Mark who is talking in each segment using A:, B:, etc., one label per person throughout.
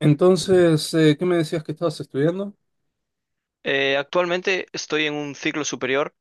A: Entonces, ¿qué me decías que estabas estudiando?
B: Actualmente estoy en un ciclo superior,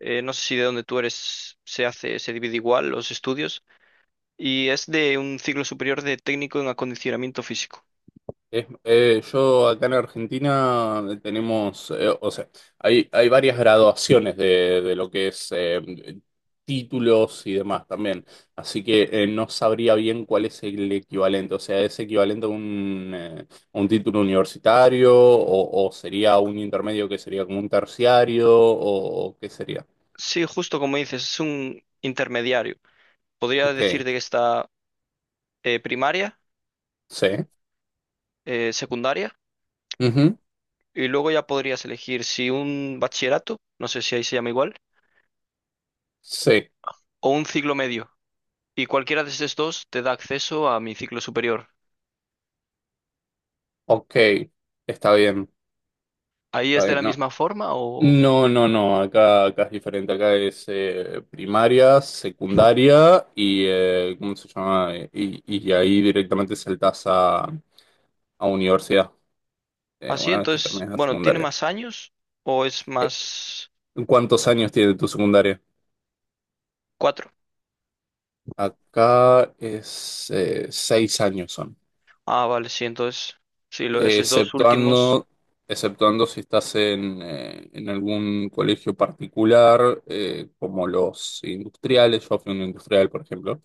B: no sé si de donde tú eres se hace, se divide igual los estudios, y es de un ciclo superior de técnico en acondicionamiento físico.
A: Yo acá en Argentina tenemos, o sea, hay varias graduaciones de lo que es títulos y demás también. Así que no sabría bien cuál es el equivalente. O sea, ¿es equivalente a a un título universitario o sería un intermedio que sería como un terciario o qué sería?
B: Sí, justo como dices, es un intermediario. Podría
A: Ok,
B: decirte que está primaria,
A: sí.
B: secundaria,
A: Ujú.
B: y luego ya podrías elegir si un bachillerato, no sé si ahí se llama igual,
A: Sí,
B: o un ciclo medio. Y cualquiera de estos dos te da acceso a mi ciclo superior.
A: ok, está bien.
B: ¿Ahí
A: Está
B: es de
A: bien,
B: la
A: no.
B: misma forma o...?
A: No, no, no, acá es diferente, acá es primaria, secundaria y, ¿cómo se llama? Y ahí directamente saltás a universidad,
B: Así,
A: una vez que
B: entonces,
A: terminas la
B: bueno, ¿tiene
A: secundaria.
B: más años o es
A: Eh,
B: más
A: ¿Cuántos años tiene tu secundaria?
B: cuatro?
A: Acá es 6 años son.
B: Ah, vale, sí, entonces, sí, lo, esos dos últimos,
A: Exceptuando, exceptuando si estás en algún colegio particular, como los industriales, yo fui un industrial, por ejemplo,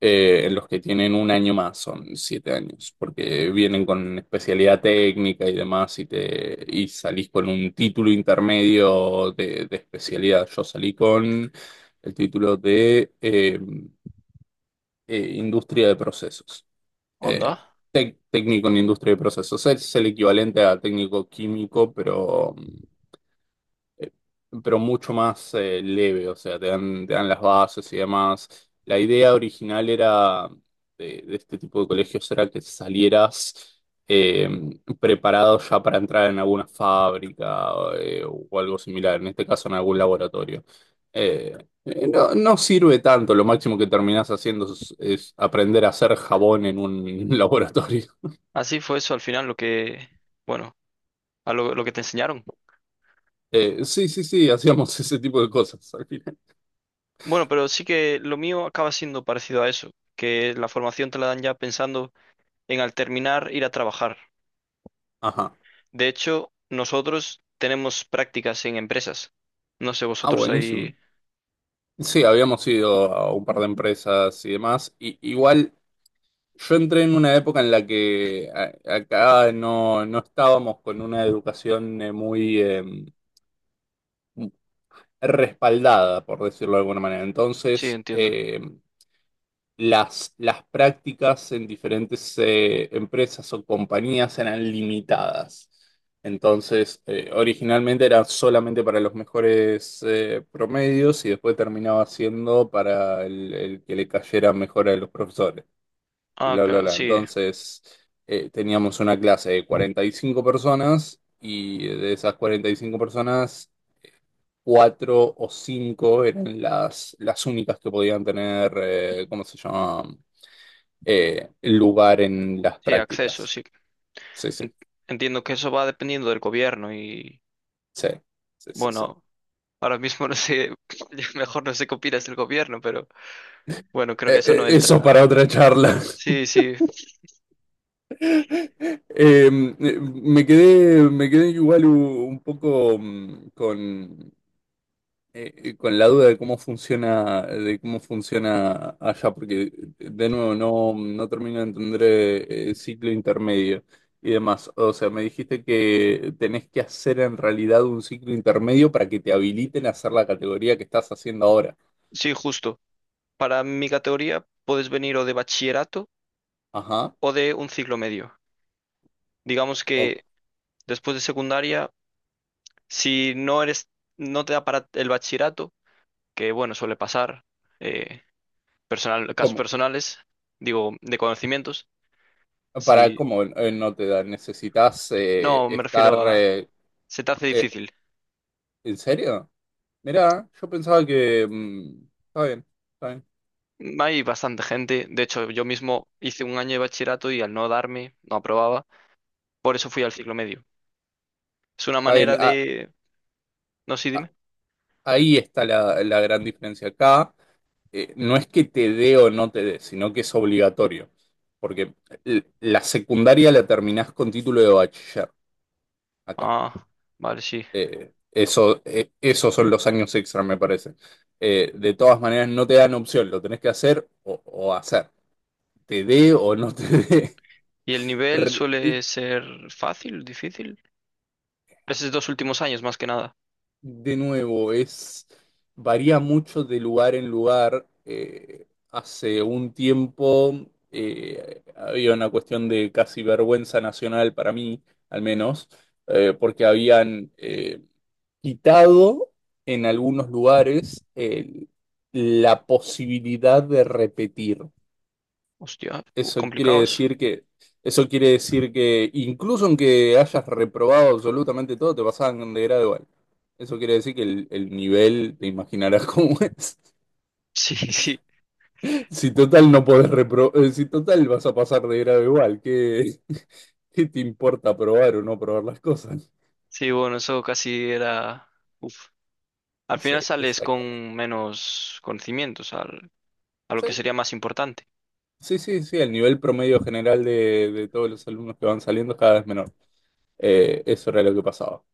A: en los que tienen un año más, son 7 años, porque vienen con especialidad técnica y demás, y salís con un título intermedio de especialidad. Yo salí con el título de industria de procesos. Eh,
B: onda.
A: Técnico en industria de procesos. Es el equivalente a técnico químico, eh, pero mucho más leve, o sea, te dan las bases y demás. La idea original era de este tipo de colegios era que salieras preparado ya para entrar en alguna fábrica o algo similar, en este caso en algún laboratorio. Eh, no sirve tanto, lo máximo que terminás haciendo es aprender a hacer jabón en un laboratorio.
B: Así fue eso al final lo que, bueno, a lo que te enseñaron.
A: Sí, sí, sí, hacíamos ese tipo de cosas al final.
B: Bueno, pero sí que lo mío acaba siendo parecido a eso, que la formación te la dan ya pensando en al terminar ir a trabajar.
A: Ajá.
B: De hecho, nosotros tenemos prácticas en empresas. No sé,
A: Ah,
B: vosotros
A: buenísimo.
B: ahí,
A: Sí, habíamos ido a un par de empresas y demás. Y, igual yo entré en una época en la que acá no estábamos con una educación muy respaldada, por decirlo de alguna manera.
B: sí,
A: Entonces,
B: entiendo.
A: las prácticas en diferentes empresas o compañías eran limitadas. Entonces, originalmente era solamente para los mejores promedios y después terminaba siendo para el que le cayera mejor a los profesores y
B: Ah,
A: bla, bla,
B: claro,
A: bla.
B: sí,
A: Entonces, teníamos una clase de 45 personas y de esas 45 personas, cuatro o cinco eran las únicas que podían tener, ¿cómo se llama? Lugar en las
B: sí, acceso,
A: prácticas.
B: sí.
A: Sí, sí,
B: En- Entiendo que eso va dependiendo del gobierno y
A: sí, sí, sí, sí.
B: bueno, ahora mismo no sé, ya mejor no sé qué opinas del gobierno, pero bueno, creo que eso no
A: Eso
B: entra.
A: para otra charla.
B: Sí, sí,
A: Me quedé igual un poco con la duda de cómo funciona allá, porque de nuevo no termino de entender el ciclo intermedio y demás. O sea, me dijiste que tenés que hacer en realidad un ciclo intermedio para que te habiliten a hacer la categoría que estás haciendo ahora.
B: sí, justo. Para mi categoría puedes venir o de bachillerato
A: Ajá.
B: o de un ciclo medio. Digamos
A: O
B: que después de secundaria, si no eres, no te da para el bachillerato, que bueno, suele pasar, eh, personal, casos
A: como,
B: personales, digo, de conocimientos,
A: para
B: si
A: cómo no te da, necesitas
B: no, me
A: estar
B: refiero a, se te hace
A: eh,
B: difícil.
A: ¿en serio? Mira, yo pensaba que está bien, está bien,
B: Hay bastante gente. De hecho, yo mismo hice un año de bachillerato y al no darme, no aprobaba. Por eso fui al ciclo medio. Es una
A: está bien.
B: manera
A: Ah,
B: de... No, sí,
A: ah,
B: dime.
A: ahí está la gran diferencia. Acá no es que te dé o no te dé, sino que es obligatorio. Porque la secundaria la terminás con título de bachiller acá.
B: Ah, vale, sí.
A: Esos son los años extra, me parece. De todas maneras, no te dan opción, lo tenés que hacer o hacer. Te dé o no te dé.
B: ¿Y el nivel
A: Re- y
B: suele ser fácil, difícil? Esos dos últimos años, más que nada.
A: De nuevo, varía mucho de lugar en lugar. Hace un tiempo había una cuestión de casi vergüenza nacional para mí, al menos, porque habían quitado en algunos lugares la posibilidad de repetir.
B: Hostia,
A: Eso quiere
B: complicados.
A: decir que, Eso quiere decir que incluso aunque hayas reprobado absolutamente todo, te pasaban de grado igual. Eso quiere decir que el nivel, te imaginarás cómo es.
B: Sí, sí.
A: Si total no podés repro- Si total vas a pasar de grado igual, ¿qué te importa probar o no probar las cosas?
B: Sí, bueno, eso casi era... Uf. Al
A: Sí,
B: final sales
A: exacto.
B: con menos conocimientos a lo que sería más importante.
A: Sí, sí, sí, el nivel promedio general de todos los alumnos que van saliendo es cada vez menor. Eso era lo que pasaba.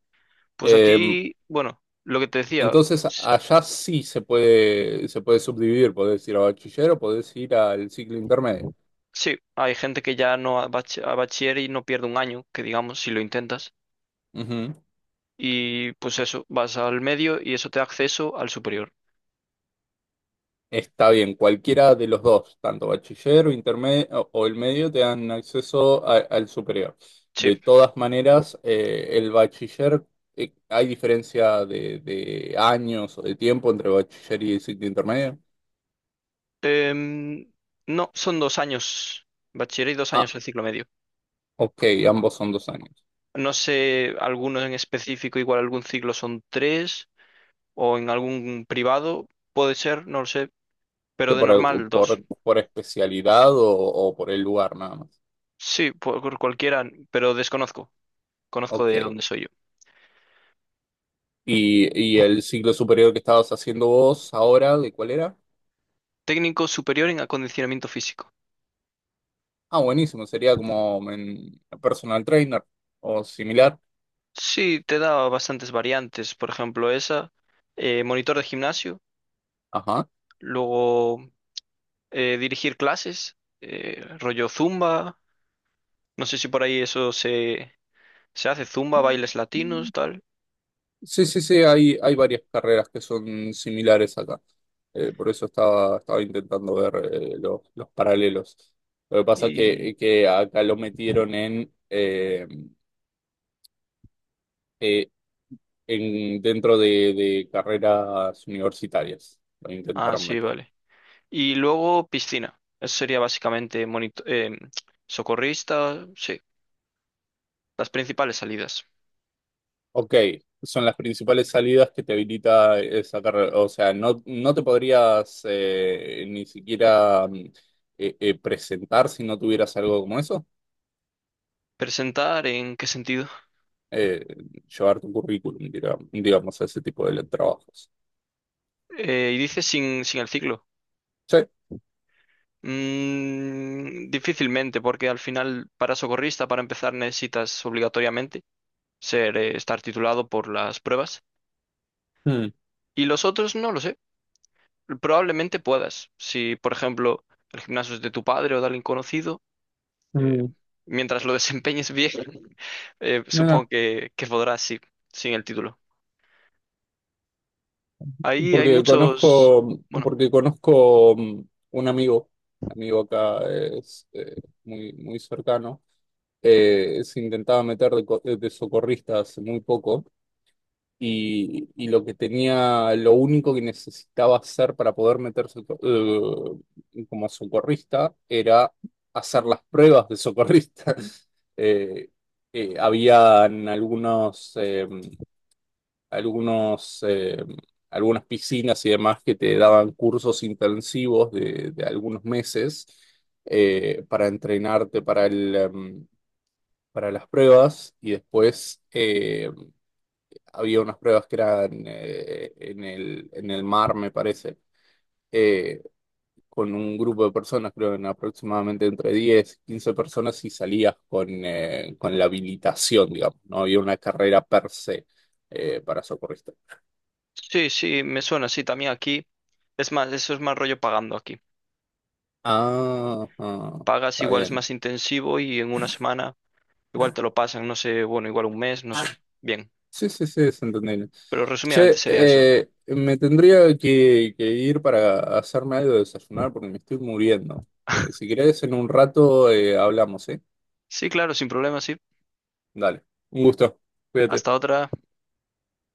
B: Pues
A: Eh,
B: aquí, bueno, lo que te decía.
A: entonces, allá sí se puede subdividir, podés ir a bachiller o podés ir al ciclo intermedio.
B: Sí, hay gente que ya no a a bachiller y no pierde un año, que digamos, si lo intentas.
A: Ujú.
B: Y pues eso, vas al medio y eso te da acceso al superior.
A: Está bien, cualquiera de los dos, tanto bachiller o intermedio o el medio, te dan acceso al superior.
B: Sí.
A: De todas maneras, ¿hay diferencia de años o de tiempo entre bachiller y ciclo intermedio?
B: Em, no, son dos años bachiller y dos
A: Ah,
B: años el ciclo medio.
A: ok, ambos son 2 años.
B: No sé, algunos en específico, igual algún ciclo son tres o en algún privado, puede ser, no lo sé, pero
A: ¿Que
B: de
A: por,
B: normal dos.
A: por, por especialidad o por el lugar nada más?
B: Sí, por cualquiera, pero desconozco. Conozco
A: Ok.
B: de dónde soy yo.
A: ¿Y, y el ciclo superior que estabas haciendo vos ahora, de cuál era?
B: Técnico superior en acondicionamiento físico.
A: Ah, buenísimo, sería como en personal trainer o similar.
B: Sí, te da bastantes variantes. Por ejemplo, esa, monitor de gimnasio,
A: Ajá.
B: luego dirigir clases, rollo zumba. No sé si por ahí eso se, se hace, zumba, bailes latinos, tal.
A: Sí, sí, sí, hay varias carreras que son similares acá. Por eso estaba intentando ver los paralelos. Lo que pasa es
B: Y.
A: que acá lo metieron en eh, dentro de carreras universitarias. Lo
B: Ah,
A: intentaron
B: sí,
A: meter.
B: vale. Y luego piscina. Eso sería básicamente socorrista, sí, las principales salidas.
A: Ok, son las principales salidas que te habilita esa carrera. O sea, no te podrías ni siquiera presentar si no tuvieras algo como eso.
B: ¿Presentar en qué sentido?
A: Eh, Llevar tu currículum, digamos, a ese tipo de trabajos.
B: Y dice sin, sin el ciclo.
A: Sí.
B: Mm, difícilmente, porque al final para socorrista, para empezar, necesitas obligatoriamente ser, estar titulado por las pruebas.
A: Mm,
B: Y los otros no lo sé. Probablemente puedas. Si, por ejemplo, el gimnasio es de tu padre o de alguien conocido, eh,
A: mm,
B: mientras lo desempeñes bien,
A: Mira,
B: supongo que podrás, sí, sin el título. Ahí hay muchos... Bueno,
A: porque conozco un amigo, amigo acá es muy, muy cercano se intentaba meter de socorrista hace muy poco y lo que tenía, lo único que necesitaba hacer para poder meterse como socorrista era hacer las pruebas de socorrista. Eh, habían algunos, eh, algunas piscinas y demás que te daban cursos intensivos de algunos meses para entrenarte para las pruebas y después había unas pruebas que eran en el mar, me parece, eh, con un grupo de personas, creo que en aproximadamente entre 10 15 personas y salías con la habilitación, digamos, no había una carrera per se para socorrista.
B: sí, sí, me suena, sí, también aquí. Es más, eso es más rollo pagando aquí.
A: Ah, ah,
B: Pagas
A: está
B: igual es
A: bien.
B: más intensivo y en una semana... Igual te lo pasan, no sé, bueno, igual un mes, no sé. Bien.
A: Sí, sí, sí, es entendible.
B: Pero resumidamente
A: Che,
B: sería eso.
A: me tendría que ir para hacerme algo de desayunar porque me estoy muriendo. Si querés, en un rato hablamos, ¿eh?
B: Sí, claro, sin problema, sí.
A: Dale, un gusto. Cuídate.
B: Hasta otra.